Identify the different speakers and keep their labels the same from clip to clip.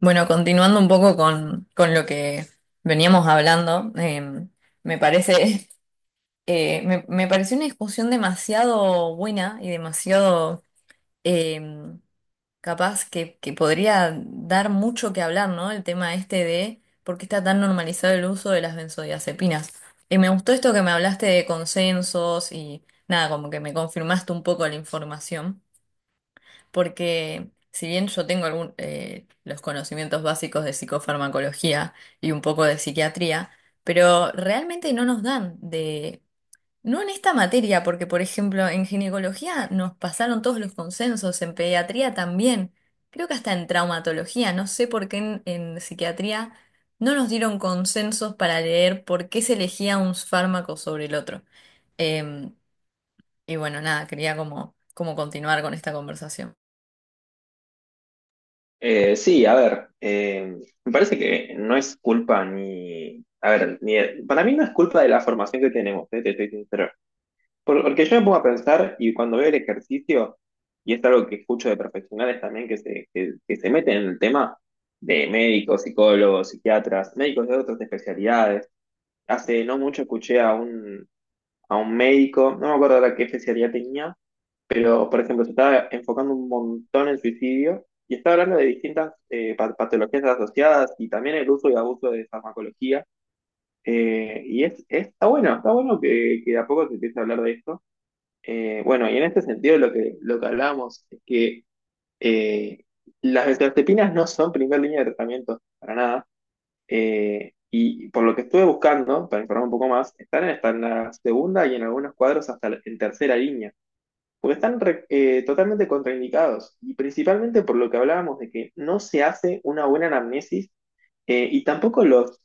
Speaker 1: Bueno, continuando un poco con lo que veníamos hablando, me parece, me pareció una discusión demasiado buena y demasiado eh, capaz que podría dar mucho que hablar, ¿no? El tema este de por qué está tan normalizado el uso de las benzodiazepinas. Y me gustó esto que me hablaste de consensos y nada, como que me confirmaste un poco la información. Porque si bien yo tengo algún, los conocimientos básicos de psicofarmacología y un poco de psiquiatría, pero realmente no nos dan de... No en esta materia, porque por ejemplo en ginecología nos pasaron todos los consensos, en pediatría también, creo que hasta en traumatología, no sé por qué en psiquiatría no nos dieron consensos para leer por qué se elegía un fármaco sobre el otro. Em, y bueno, nada, quería como continuar con esta conversación.
Speaker 2: Sí, a ver, me parece que no es culpa ni, a ver, ni, para mí no es culpa de la formación que tenemos, te estoy sincero. Porque yo me pongo a pensar y cuando veo el ejercicio, y es algo que escucho de profesionales también que se meten en el tema de médicos, psicólogos, psiquiatras, médicos de otras especialidades. Hace no mucho escuché a un médico, no me acuerdo ahora qué especialidad tenía, pero, por ejemplo, se está enfocando un montón en suicidio y está hablando de distintas patologías asociadas y también el uso y abuso de farmacología. Está bueno, está bueno que de a poco se empiece a hablar de esto. Bueno, y en este sentido lo que hablábamos es que eh, las benzodiazepinas no son primer línea de tratamiento para nada. Y por lo que estuve buscando, para informar un poco más, están hasta en la segunda y en algunos cuadros hasta en tercera línea porque están totalmente contraindicados y principalmente por lo que hablábamos de que no se hace una buena anamnesis y tampoco los,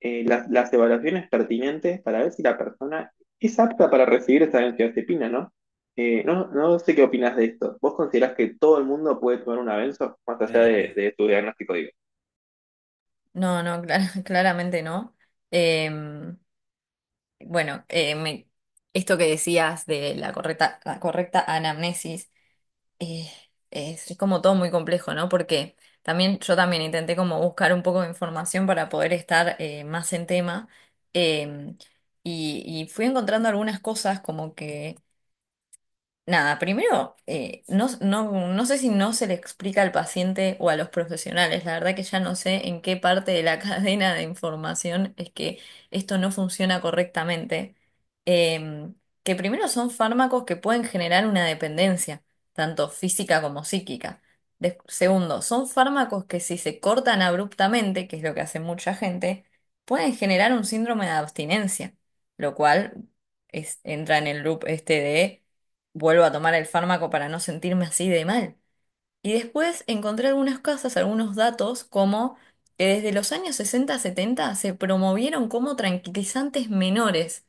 Speaker 2: eh, las, las evaluaciones pertinentes para ver si la persona es apta para recibir esa benzodiazepina, ¿no? No sé qué opinas de esto. ¿Vos considerás que todo el mundo puede tomar una benzo más allá de tu diagnóstico, digo?
Speaker 1: No, no, claramente no. Em, bueno, eh, me- Esto que decías de la correcta anamnesis eh, es como todo muy complejo, ¿no? Porque también yo también intenté como buscar un poco de información para poder estar más en tema, em, y fui encontrando algunas cosas como que nada, primero, no sé si no se le explica al paciente o a los profesionales, la verdad que ya no sé en qué parte de la cadena de información es que esto no funciona correctamente. Em, que primero son fármacos que pueden generar una dependencia, tanto física como psíquica. Segundo, son fármacos que si se cortan abruptamente, que es lo que hace mucha gente, pueden generar un síndrome de abstinencia, lo cual entra en el loop este de vuelvo a tomar el fármaco para no sentirme así de mal. Y después encontré algunas casas, algunos datos, como que desde los años 60 70 se promovieron como tranquilizantes menores.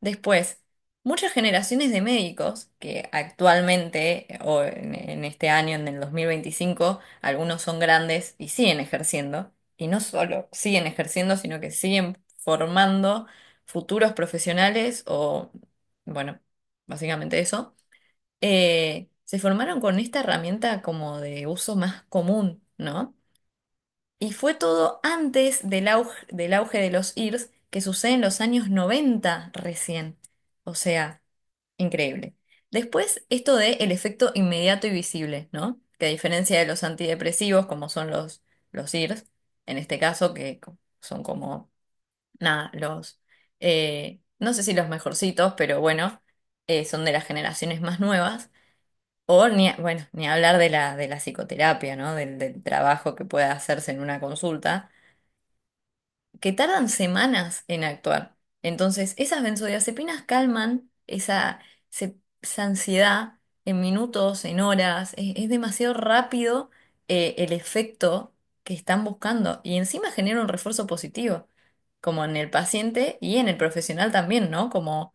Speaker 1: Después, muchas generaciones de médicos, que actualmente, o en este año, en el 2025 algunos son grandes y siguen ejerciendo, y no solo siguen ejerciendo, sino que siguen formando futuros profesionales o, bueno, básicamente eso se formaron con esta herramienta como de uso más común, ¿no? Y fue todo antes del auge de los IRS, que sucede en los años 90 recién. O sea, increíble. Después, esto de el efecto inmediato y visible, ¿no? Que a diferencia de los antidepresivos, como son los IRS, en este caso, que son como, nada, los, no sé si los mejorcitos, pero bueno, son de las generaciones más nuevas o ni, bueno, ni hablar de la psicoterapia, ¿no? Del trabajo que pueda hacerse en una consulta que tardan semanas en actuar. Entonces, esas benzodiazepinas calman esa, esa ansiedad en minutos, en horas. Es demasiado rápido el efecto que están buscando y encima genera un refuerzo positivo, como en el paciente y en el profesional también, ¿no? Como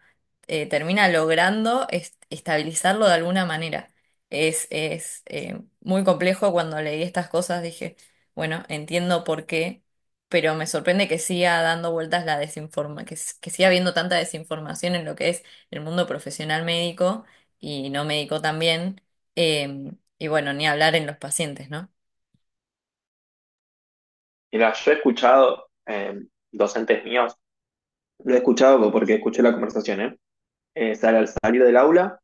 Speaker 1: termina logrando estabilizarlo de alguna manera. Es muy complejo. Cuando leí estas cosas, dije, bueno, entiendo por qué, pero me sorprende que siga dando vueltas la desinforma, que, s- que siga habiendo tanta desinformación en lo que es el mundo profesional médico y no médico también, eh, y bueno, ni hablar en los pacientes, ¿no?
Speaker 2: Mira, yo he escuchado docentes míos, lo he escuchado porque escuché la conversación, ¿eh? Al salir del aula,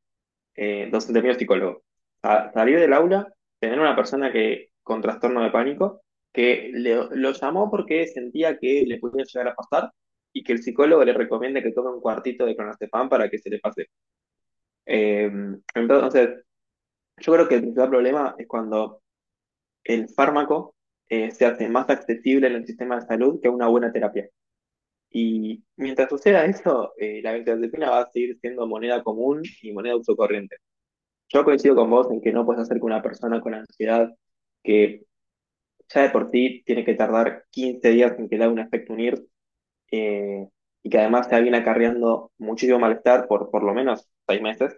Speaker 2: docente mío es psicólogo. Salir del aula, tener una persona que con trastorno de pánico, que lo llamó porque sentía que le podía llegar a pasar y que el psicólogo le recomienda que tome un cuartito de clonazepam para que se le pase. Eh, entonces, yo creo que el principal problema es cuando el fármaco se hace más accesible en el sistema de salud que una buena terapia. Y mientras suceda eso, la benzodiazepina va a seguir siendo moneda común y moneda de uso corriente. Yo coincido con vos en que no puedes hacer que una persona con ansiedad, que ya de por ti tiene que tardar 15 días en que le haga un efecto unir, eh, y que además te viene acarreando muchísimo malestar por lo menos 6 meses,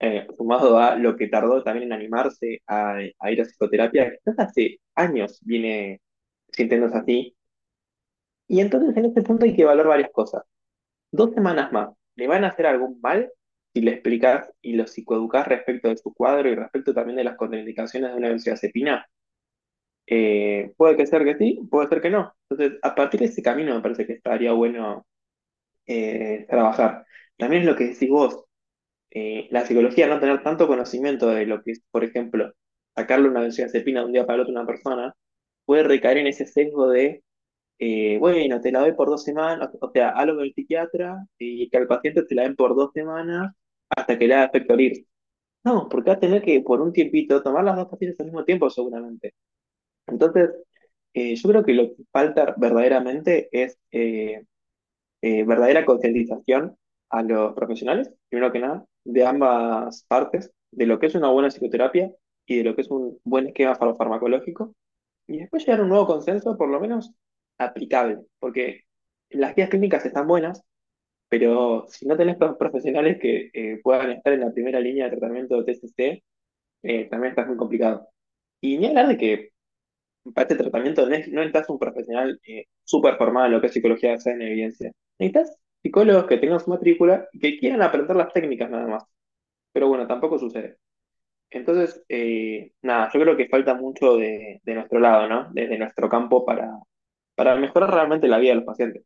Speaker 2: sumado a lo que tardó también en animarse a ir a psicoterapia, que quizás hace años viene sintiéndose así. Y entonces en este punto hay que evaluar varias cosas. Dos semanas más. ¿Le van a hacer algún mal si le explicas y lo psicoeducás respecto de su cuadro y respecto también de las contraindicaciones de una benzodiazepina? Puede que ser que sí, puede ser que no. Entonces, a partir de ese camino me parece que estaría bueno trabajar. También es lo que decís vos, la psicología, no tener tanto conocimiento de lo que es, por ejemplo, sacarle una benzodiazepina de un día para el otro a una persona, puede recaer en ese sesgo de bueno, te la doy por dos semanas, o sea, hablo con el psiquiatra y que al paciente te la den por dos semanas hasta que le haga efecto ir. No, porque va a tener que por un tiempito tomar las dos pastillas al mismo tiempo seguramente. Entonces, yo creo que lo que falta verdaderamente es verdadera concientización a los profesionales, primero que nada, de ambas partes, de lo que es una buena psicoterapia y de lo que es un buen esquema farmacológico y después llegar a un nuevo consenso, por lo menos aplicable, porque las guías clínicas están buenas, pero si no tenés profesionales que puedan estar en la primera línea de tratamiento de TCC, también estás muy complicado. Y ni hablar de que para este tratamiento no necesitas un profesional súper formado en lo que es psicología basada en evidencia. Necesitas psicólogos que tengan su matrícula y que quieran aprender las técnicas nada más. Pero bueno, tampoco sucede. Entonces, nada, yo creo que falta mucho de nuestro lado, ¿no? Desde nuestro campo para mejorar realmente la vida de los pacientes.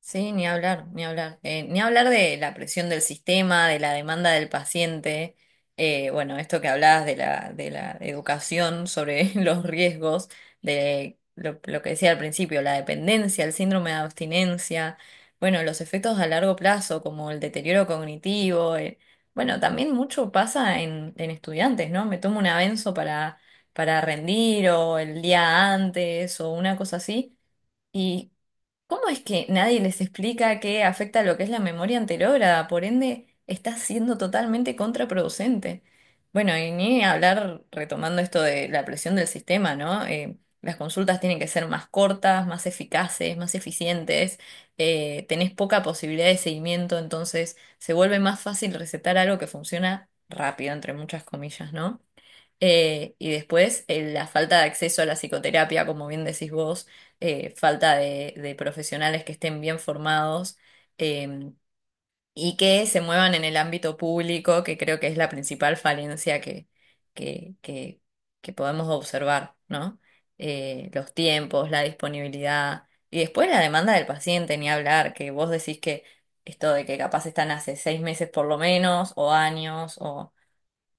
Speaker 1: Sí, ni hablar, ni hablar. Ni hablar de la presión del sistema, de la demanda del paciente. Bueno, esto que hablabas de la educación sobre los riesgos, de lo que decía al principio, la dependencia, el síndrome de abstinencia, bueno, los efectos a largo plazo, como el deterioro cognitivo. Bueno, también mucho pasa en estudiantes, ¿no? Me tomo un avenzo para rendir, o el día antes o una cosa así. ¿Y cómo es que nadie les explica que afecta lo que es la memoria anterógrada? Por ende, está siendo totalmente contraproducente. Bueno, y ni hablar retomando esto de la presión del sistema, ¿no? Las consultas tienen que ser más cortas, más eficaces, más eficientes. Tenés poca posibilidad de seguimiento, entonces se vuelve más fácil recetar algo que funciona rápido, entre muchas comillas, ¿no? Y después la falta de acceso a la psicoterapia, como bien decís vos, falta de profesionales que estén bien formados, eh, y que se muevan en el ámbito público, que creo que es la principal falencia que, que, que podemos observar, ¿no? Los tiempos, la disponibilidad, y después la demanda del paciente, ni hablar, que vos decís que esto de que capaz están hace 6 meses por lo menos, o años, o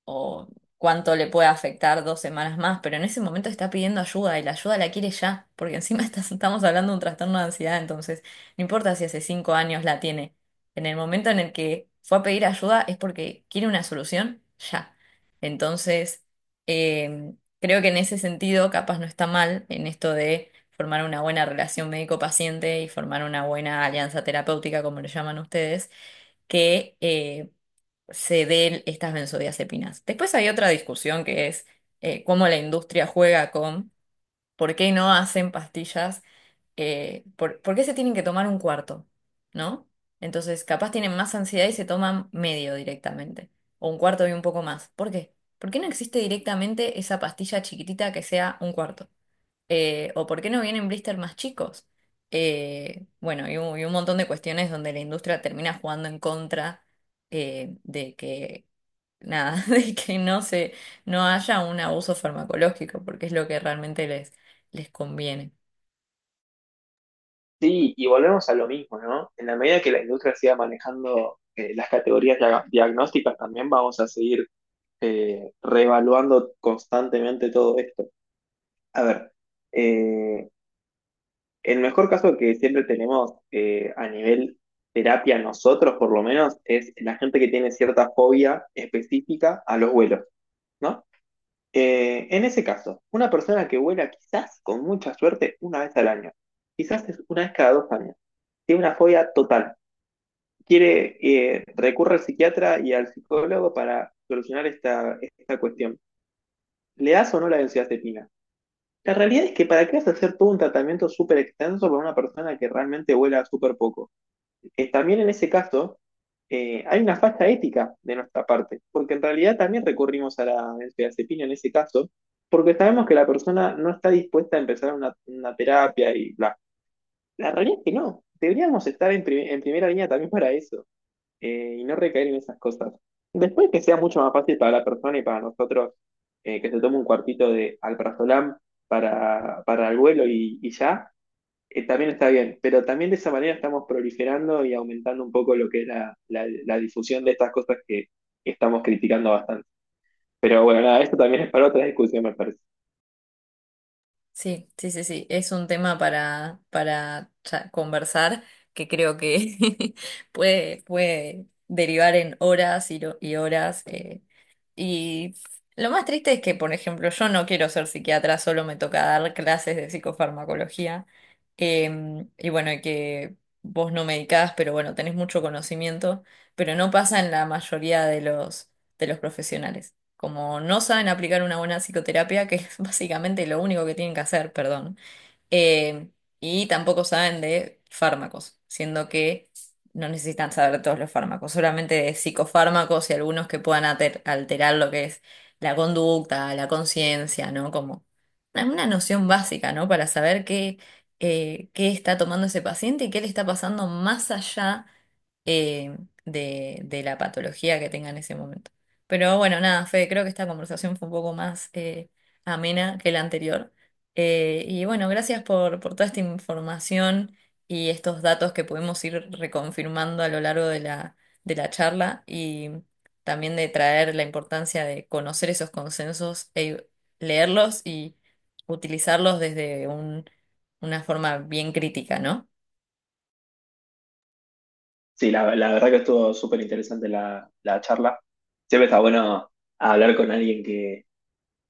Speaker 1: o cuánto le puede afectar 2 semanas más, pero en ese momento está pidiendo ayuda y la ayuda la quiere ya, porque encima estás- estamos hablando de un trastorno de ansiedad, entonces no importa si hace 5 años la tiene, en el momento en el que fue a pedir ayuda es porque quiere una solución ya. Entonces, eh, creo que en ese sentido capaz no está mal, en esto de formar una buena relación médico-paciente y formar una buena alianza terapéutica, como le llaman ustedes, que se den estas benzodiazepinas. Después hay otra discusión que es cómo la industria juega con por qué no hacen pastillas, por qué se tienen que tomar un cuarto, ¿no? Entonces, capaz tienen más ansiedad y se toman medio directamente, o un cuarto y un poco más. ¿Por qué? ¿Por qué no existe directamente esa pastilla chiquitita que sea un cuarto? ¿O por qué no vienen blister más chicos? Bueno, y un montón de cuestiones donde la industria termina jugando en contra de que nada, de que no se, no haya un abuso farmacológico, porque es lo que realmente les conviene.
Speaker 2: Sí, y volvemos a lo mismo, ¿no? En la medida que la industria siga manejando las categorías diagnósticas, también vamos a seguir reevaluando constantemente todo esto. A ver, eh, el mejor caso que siempre tenemos a nivel terapia nosotros, por lo menos, es la gente que tiene cierta fobia específica a los vuelos, ¿no? En ese caso, una persona que vuela quizás con mucha suerte una vez al año, quizás es una vez cada 2 años, tiene una fobia total, quiere, recurre al psiquiatra y al psicólogo para solucionar esta, esta cuestión. ¿Le das o no la benzodiazepina? La realidad es que para qué vas a hacer todo un tratamiento súper extenso para una persona que realmente vuela súper poco también en ese caso hay una falta ética de nuestra parte, porque en realidad también recurrimos a la benzodiazepina en ese caso, porque sabemos que la persona no está dispuesta a empezar una terapia y bla. La realidad es que no, deberíamos estar en primera línea también para eso y no recaer en esas cosas. Después que sea mucho más fácil para la persona y para nosotros que se tome un cuartito de alprazolam para el vuelo y ya, también está bien, pero también de esa manera estamos proliferando y aumentando un poco lo que es la difusión de estas cosas que estamos criticando bastante. Pero bueno, nada, esto también es para otra discusión, me parece.
Speaker 1: Sí, sí, sí, sí, es un tema para conversar, que creo que puede, puede derivar en horas y horas. Y lo más triste es que, por ejemplo, yo no quiero ser psiquiatra, solo me toca dar clases de psicofarmacología. Y bueno, y que vos no medicás, pero bueno, tenés mucho conocimiento, pero no pasa en la mayoría de los profesionales. Como no saben aplicar una buena psicoterapia, que es básicamente lo único que tienen que hacer, perdón. eh, y tampoco saben de fármacos, siendo que no necesitan saber todos los fármacos, solamente de psicofármacos y algunos que puedan alterar lo que es la conducta, la conciencia, ¿no? Como una noción básica, ¿no? Para saber qué está tomando ese paciente y qué le está pasando más allá eh, de la patología que tenga en ese momento. Pero bueno, nada, Fede, creo que esta conversación fue un poco más amena que la anterior. Y bueno, gracias por toda esta información y estos datos que pudimos ir reconfirmando a lo largo de la charla, y también de traer la importancia de conocer esos consensos, leerlos y utilizarlos desde una forma bien crítica, ¿no?
Speaker 2: Sí, la verdad que estuvo súper interesante la charla. Siempre está bueno hablar con alguien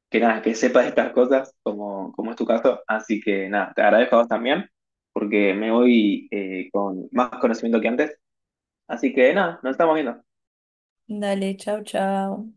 Speaker 2: que nada, que sepa de estas cosas, como, como es tu caso. Así que nada, te agradezco a vos también, porque me voy con más conocimiento que antes. Así que nada, nos estamos viendo.
Speaker 1: Dale, chau, chau.